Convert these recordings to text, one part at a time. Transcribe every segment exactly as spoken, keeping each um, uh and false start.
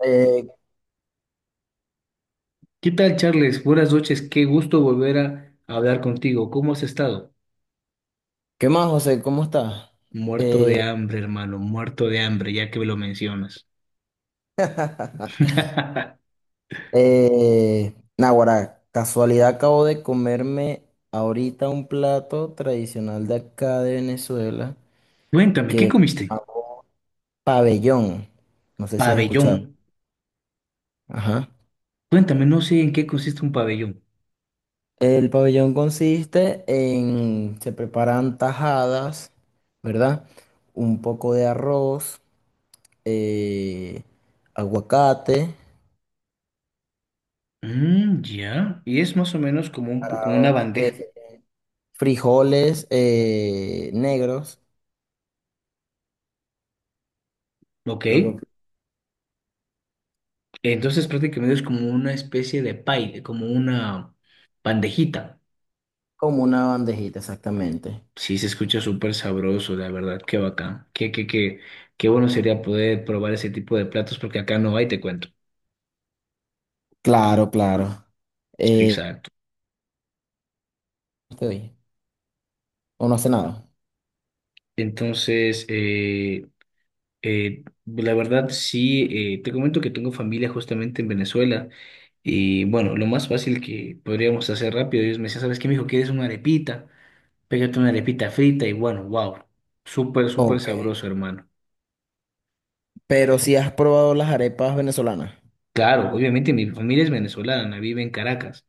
Eh, ¿Qué tal, Charles? Buenas noches, qué gusto volver a hablar contigo. ¿Cómo has estado? ¿Qué más, José? ¿Cómo estás? Muerto de Eh, hambre, hermano, muerto de hambre, ya que me lo mencionas. eh, Naguará, casualidad acabo de comerme ahorita un plato tradicional de acá de Venezuela, Cuéntame, ¿qué comiste? ah, pabellón. No sé si has Pabellón. escuchado. Ajá. Cuéntame, no sé en qué consiste un pabellón. El pabellón consiste en, se preparan tajadas, ¿verdad? Un poco de arroz, eh, aguacate, Mm, ya. Y es más o menos como un, po- como para- una bandeja, que- frijoles eh, negros. ¿ok? Lo que Entonces prácticamente es como una especie de pie, como una bandejita. como una bandejita, exactamente. Sí, se escucha súper sabroso, la verdad, qué bacán. Qué, qué, qué, qué bueno sería poder probar ese tipo de platos porque acá no hay, te cuento. Claro, claro. Eh, Exacto. estoy. ¿O no hace nada? Entonces, eh, eh, la verdad, sí, eh, te comento que tengo familia justamente en Venezuela y bueno, lo más fácil que podríamos hacer rápido, ellos me decían, ¿sabes qué, mijo? ¿Quieres una arepita? Pégate una arepita frita y bueno, wow, súper, súper Ok. sabroso, hermano. Pero si has probado las arepas venezolanas. Claro, obviamente mi familia es venezolana, vive en Caracas.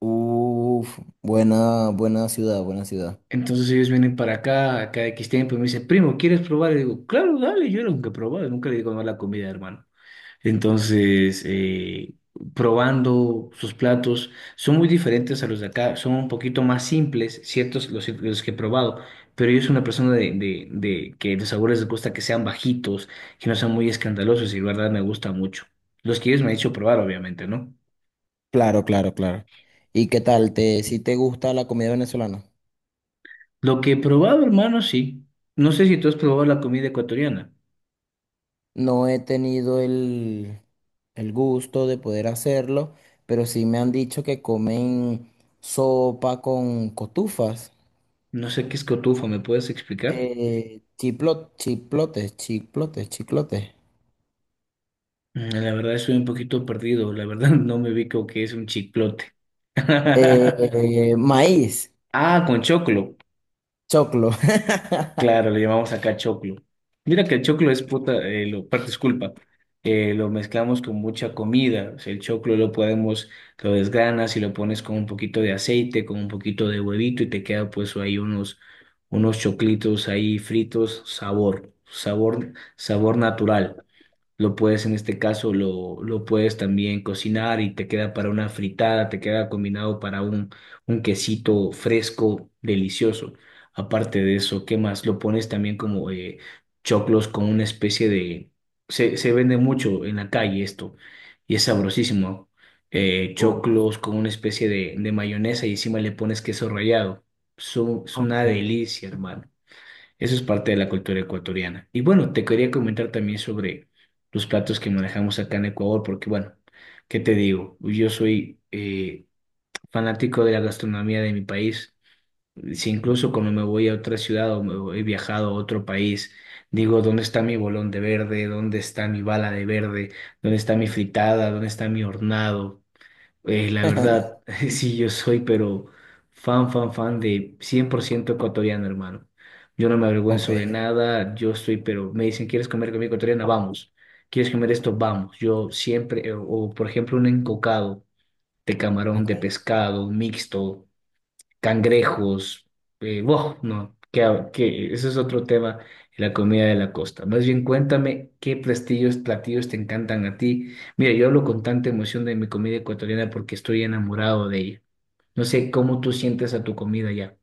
Uf, buena, buena ciudad, buena ciudad. Entonces ellos vienen para acá, cada X tiempo, y me dicen, primo, ¿quieres probar? Y digo, claro, dale, yo nunca he probado, nunca le digo no a la comida, hermano. Entonces, eh, probando sus platos, son muy diferentes a los de acá, son un poquito más simples, ciertos los, los que he probado, pero yo soy una persona de, de, de que los sabores les gusta que sean bajitos, que no sean muy escandalosos, y la verdad me gusta mucho. Los que ellos me han hecho probar, obviamente, ¿no? Claro, claro, claro. ¿Y qué tal? ¿Te, si te gusta la comida venezolana? Lo que he probado, hermano, sí. No sé si tú has probado la comida ecuatoriana. No he tenido el, el gusto de poder hacerlo, pero sí me han dicho que comen sopa con cotufas. No sé qué es cotufa, ¿me puedes explicar? eh, chiplo- chiplotes, chiplotes, chiclotes. Mm, la verdad estoy un poquito perdido, la verdad no me ubico qué es un chiclote. Eh, eh, maíz, Ah, con choclo. choclo. Claro, le llamamos acá choclo. Mira que el choclo es puta, eh, lo, par- disculpa, eh, lo mezclamos con mucha comida. O sea, el choclo lo podemos, lo desgranas y lo pones con un poquito de aceite, con un poquito de huevito y te queda pues ahí unos, unos choclitos ahí fritos, sabor, sabor, sabor natural. Lo puedes en este caso, lo, lo puedes también cocinar y te queda para una fritada, te queda combinado para un, un quesito fresco, delicioso. Aparte de eso, ¿qué más? Lo pones también como eh, choclos con una especie de... Se, se vende mucho en la calle esto y es sabrosísimo. Eh, Uh, choclos con una especie de, de mayonesa y encima le pones queso rallado. Son- es una ok. delicia, hermano. Eso es parte de la cultura ecuatoriana. Y bueno, te quería comentar también sobre los platos que manejamos acá en Ecuador, porque bueno, ¿qué te digo? Yo soy eh, fanático de la gastronomía de mi país. Si incluso cuando me voy a otra ciudad o me voy- he viajado a otro país, digo, ¿dónde está mi bolón de verde? ¿Dónde está mi bala de verde? ¿Dónde está mi fritada? ¿Dónde está mi hornado? Eh, la verdad, sí, yo soy, pero fan, fan, fan de cien por ciento ecuatoriano, hermano. Yo no me Ok, avergüenzo de nada, yo estoy, pero me dicen, ¿quieres comer comida ecuatoriana? Vamos. ¿Quieres comer esto? Vamos. Yo siempre, eh, o por ejemplo, un encocado de camarón, ok. de pescado, mixto cangrejos, eh, wow, no, que, que ese es otro tema, la comida de la costa. Más bien cuéntame qué platillos, platillos te encantan a ti. Mira, yo hablo con tanta emoción de mi comida ecuatoriana porque estoy enamorado de ella. No sé cómo tú sientes a tu comida ya.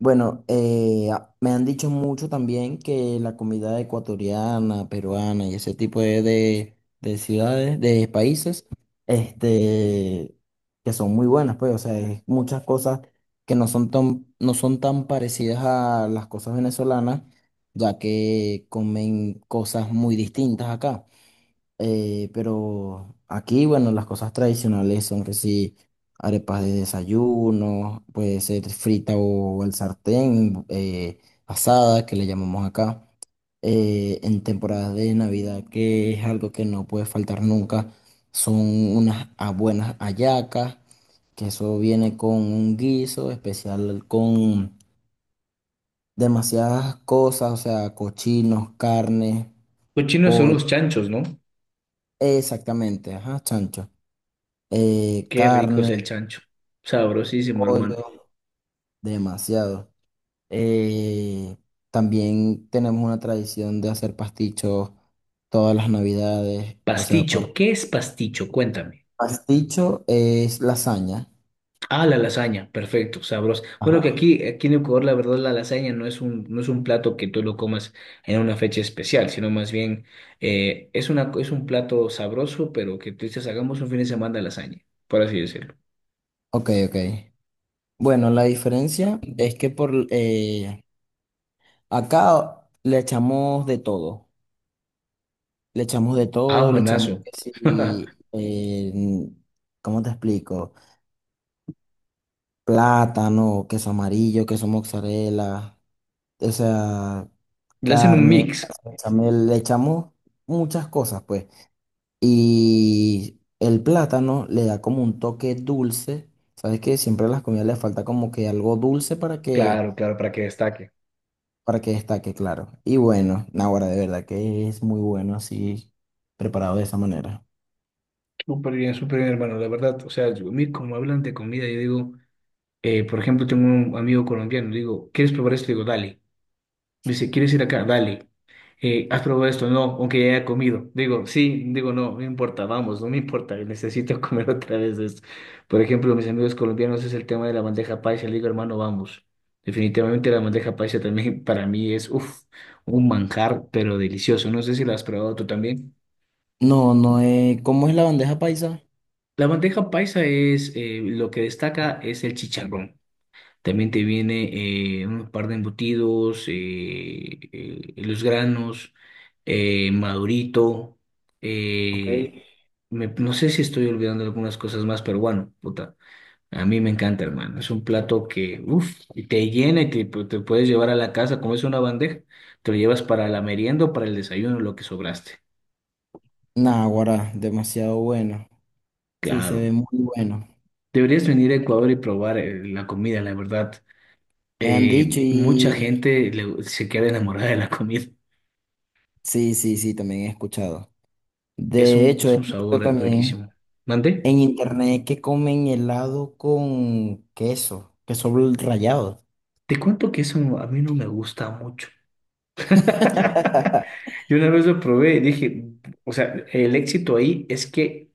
Bueno, eh, a- me han dicho mucho también que la comida ecuatoriana, peruana y ese tipo de, de- de ciudades, de países, este, que son muy buenas, pues, o sea, es muchas cosas que no son tan, no son tan parecidas a las cosas venezolanas, ya que comen cosas muy distintas acá. Eh, pero aquí, bueno, las cosas tradicionales son que sí, arepas de desayuno, puede ser frita o el sartén, eh, asada, que le llamamos acá. Eh, en temporadas de Navidad, que es algo que no puede faltar nunca, son unas ah, buenas hallacas, que eso viene con un guiso especial con demasiadas cosas, o sea, cochinos, carne, Cochinos son pollo, los chanchos, ¿no? exactamente, ajá, chancho. eh, Qué rico es carne, el chancho. Sabrosísimo, hermano. pollo, demasiado. Eh, también tenemos una tradición de hacer pastichos todas las navidades. O sea, par- Pasticho, ¿qué es pasticho? Cuéntame. pasticho es lasaña. Ah, la lasaña, perfecto, sabroso. Bueno, que Ajá. aquí, aquí en Ecuador, la verdad, la lasaña no es un, no es un plato que tú lo comas en una fecha especial, sino más bien eh, es una, es un plato sabroso, pero que tú dices, hagamos un fin de semana de lasaña, por así decirlo. Ok, ok. Bueno, la diferencia es que por eh, acá le echamos de todo. Le echamos de Ah, todo, le echamos buenazo. que sí, eh, ¿cómo te explico? Plátano, queso amarillo, queso mozzarella. O sea, Le hacen un carne, mix. bechamel, le echamos muchas cosas, pues. Y el plátano le da como un toque dulce. Sabes que siempre a las comidas le falta como que algo dulce para que, Claro, claro, para que destaque. para que destaque, claro. Y bueno, ahora de verdad que es muy bueno así, preparado de esa manera. Súper bien, súper bien, hermano, la verdad. O sea, yo- a mí como hablan de comida, yo digo, eh, por ejemplo, tengo un amigo colombiano, digo, ¿quieres probar esto? Digo, dale. Dice, ¿quieres ir acá? Dale. Eh, ¿has probado esto? No, aunque ya haya comido. Digo, sí, digo, no, no me importa, vamos, no me importa, necesito comer otra vez esto. Por ejemplo, mis amigos colombianos es el tema de la bandeja paisa. Le digo, hermano, vamos. Definitivamente la bandeja paisa también para mí es, uff, un manjar, pero delicioso. No sé si la has probado tú también. No, no es, ¿cómo es la bandeja paisa? La bandeja paisa es, eh, lo que destaca es el chicharrón. También te viene eh, un par de embutidos, eh, eh, los granos, eh, madurito. Ok. eh, me- no sé si estoy olvidando algunas cosas más, pero bueno, puta, a mí me encanta, hermano. Es un plato que, uff, te llena y te, pues, te puedes llevar a la casa. Como es una bandeja, te lo llevas para la merienda o para el desayuno, lo que sobraste. Naguará, demasiado bueno. Sí, se Claro. ve muy bueno. Deberías venir a Ecuador y probar eh, la comida, la verdad. Me han dicho Eh, mucha y gente le- Se queda enamorada de la comida. sí, sí, sí, también he escuchado. Es De un, hecho, es he un visto sabor también riquísimo. ¿Mande? en internet que comen helado con queso, queso bl- rallado. Te cuento que eso no- a mí no me gusta mucho. Yo una vez lo probé y dije, o sea, el éxito ahí es que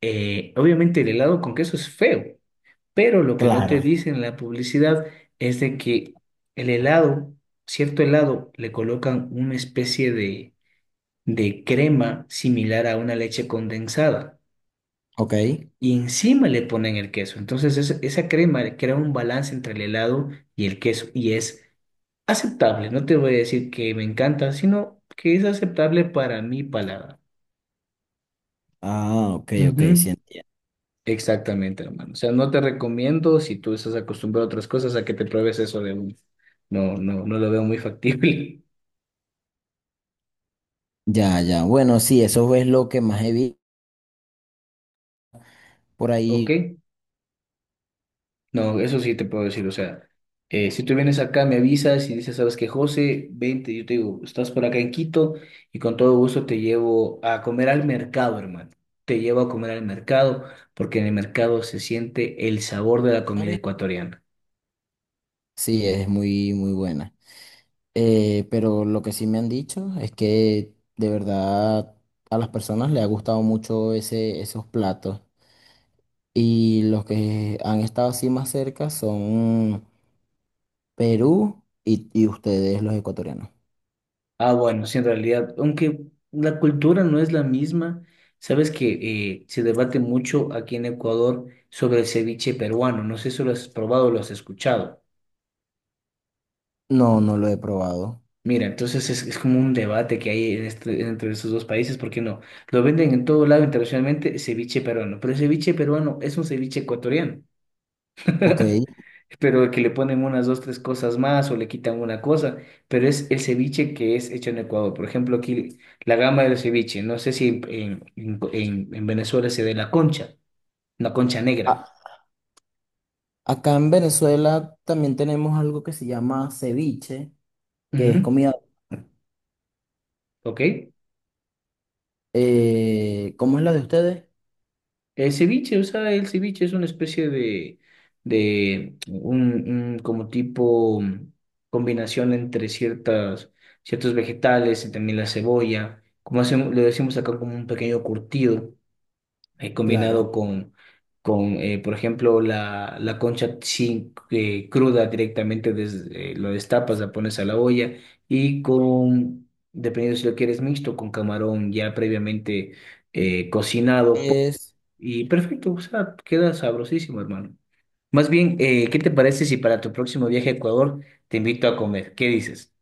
eh, obviamente el helado con queso es feo, pero lo que no Claro. te dice en la publicidad es de que el helado, cierto helado, le colocan una especie de, de crema similar a una leche condensada. Ok. Y encima le ponen el queso. Entonces es- esa crema crea un balance entre el helado y el queso y es aceptable. No te voy a decir que me encanta, sino que es aceptable para mi paladar. Ah, ok, ok, Ujú, sí entiendo. exactamente, hermano. O sea, no te recomiendo si tú estás acostumbrado a otras cosas a que te pruebes eso de uno. No, no, no lo veo muy factible. Ya, ya. Bueno, sí, eso es lo que más he visto por ahí. ¿Ok? No, eso sí te puedo decir, o sea, eh, si tú vienes acá, me avisas y dices, sabes que José, vente, yo te digo, estás por acá en Quito y con todo gusto te llevo a comer al mercado, hermano. Te llevo a comer al mercado porque en el mercado se siente el sabor de la comida ecuatoriana. Sí, es muy, muy buena. Eh, pero lo que sí me han dicho es que de verdad a las personas les ha gustado mucho ese, esos platos. Y los que han estado así más cerca son Perú y, y ustedes, los ecuatorianos. Ah, bueno, sí, en realidad, aunque la cultura no es la misma, sabes que eh, se debate mucho aquí en Ecuador sobre el ceviche peruano. No sé si lo has probado o lo has escuchado. No, no lo he probado. Mira, entonces es, es como un debate que hay en este- entre esos dos países, porque no, lo venden en todo lado internacionalmente ceviche peruano, pero el ceviche peruano es un ceviche ecuatoriano, Ok. pero que le ponen unas dos, tres cosas más o le quitan una cosa, pero es el ceviche que es hecho en Ecuador. Por ejemplo, aquí la gama del ceviche, no sé si en, en, en- en Venezuela se ve la concha, una concha negra. A- acá en Venezuela también tenemos algo que se llama ceviche, que es Ujú, comida. ¿ok? eh, ¿cómo es la de ustedes? El ceviche, o sea, el ceviche es una especie de, de un, un como tipo mm, combinación entre ciertas, ciertos vegetales y también la cebolla, como hacemos, le decimos acá como un pequeño curtido, eh, Claro. combinado con, con eh, por ejemplo, la, la concha sin, eh, cruda directamente, desde, eh, lo destapas, la pones a la olla y con, dependiendo si lo quieres mixto, con camarón ya previamente eh, cocinado Es. y perfecto, o sea, queda sabrosísimo, hermano. Más bien, eh, ¿qué te parece si para tu próximo viaje a Ecuador te invito a comer? ¿Qué dices?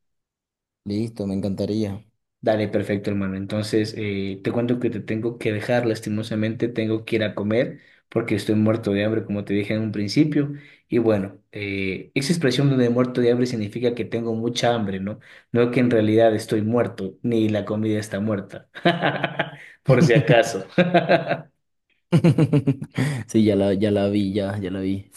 Listo, me encantaría. Dale, perfecto, hermano. Entonces, eh, te cuento que te tengo que dejar, lastimosamente, tengo que ir a comer porque estoy muerto de hambre, como te dije en un principio. Y bueno, eh, esa expresión de muerto de hambre significa que tengo mucha hambre, ¿no? No que en realidad estoy muerto, ni la comida está muerta, por si acaso. Sí, ya la, ya la vi, ya, ya la vi.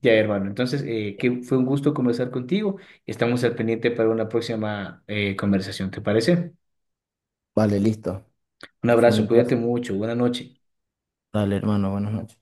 Ya, hermano. Entonces, eh, que fue un gusto conversar contigo. Estamos al pendiente para una próxima eh, conversación, ¿te parece? Vale, listo. Un Fue abrazo, un placer. cuídate mucho, buena noche. Dale, hermano, buenas noches.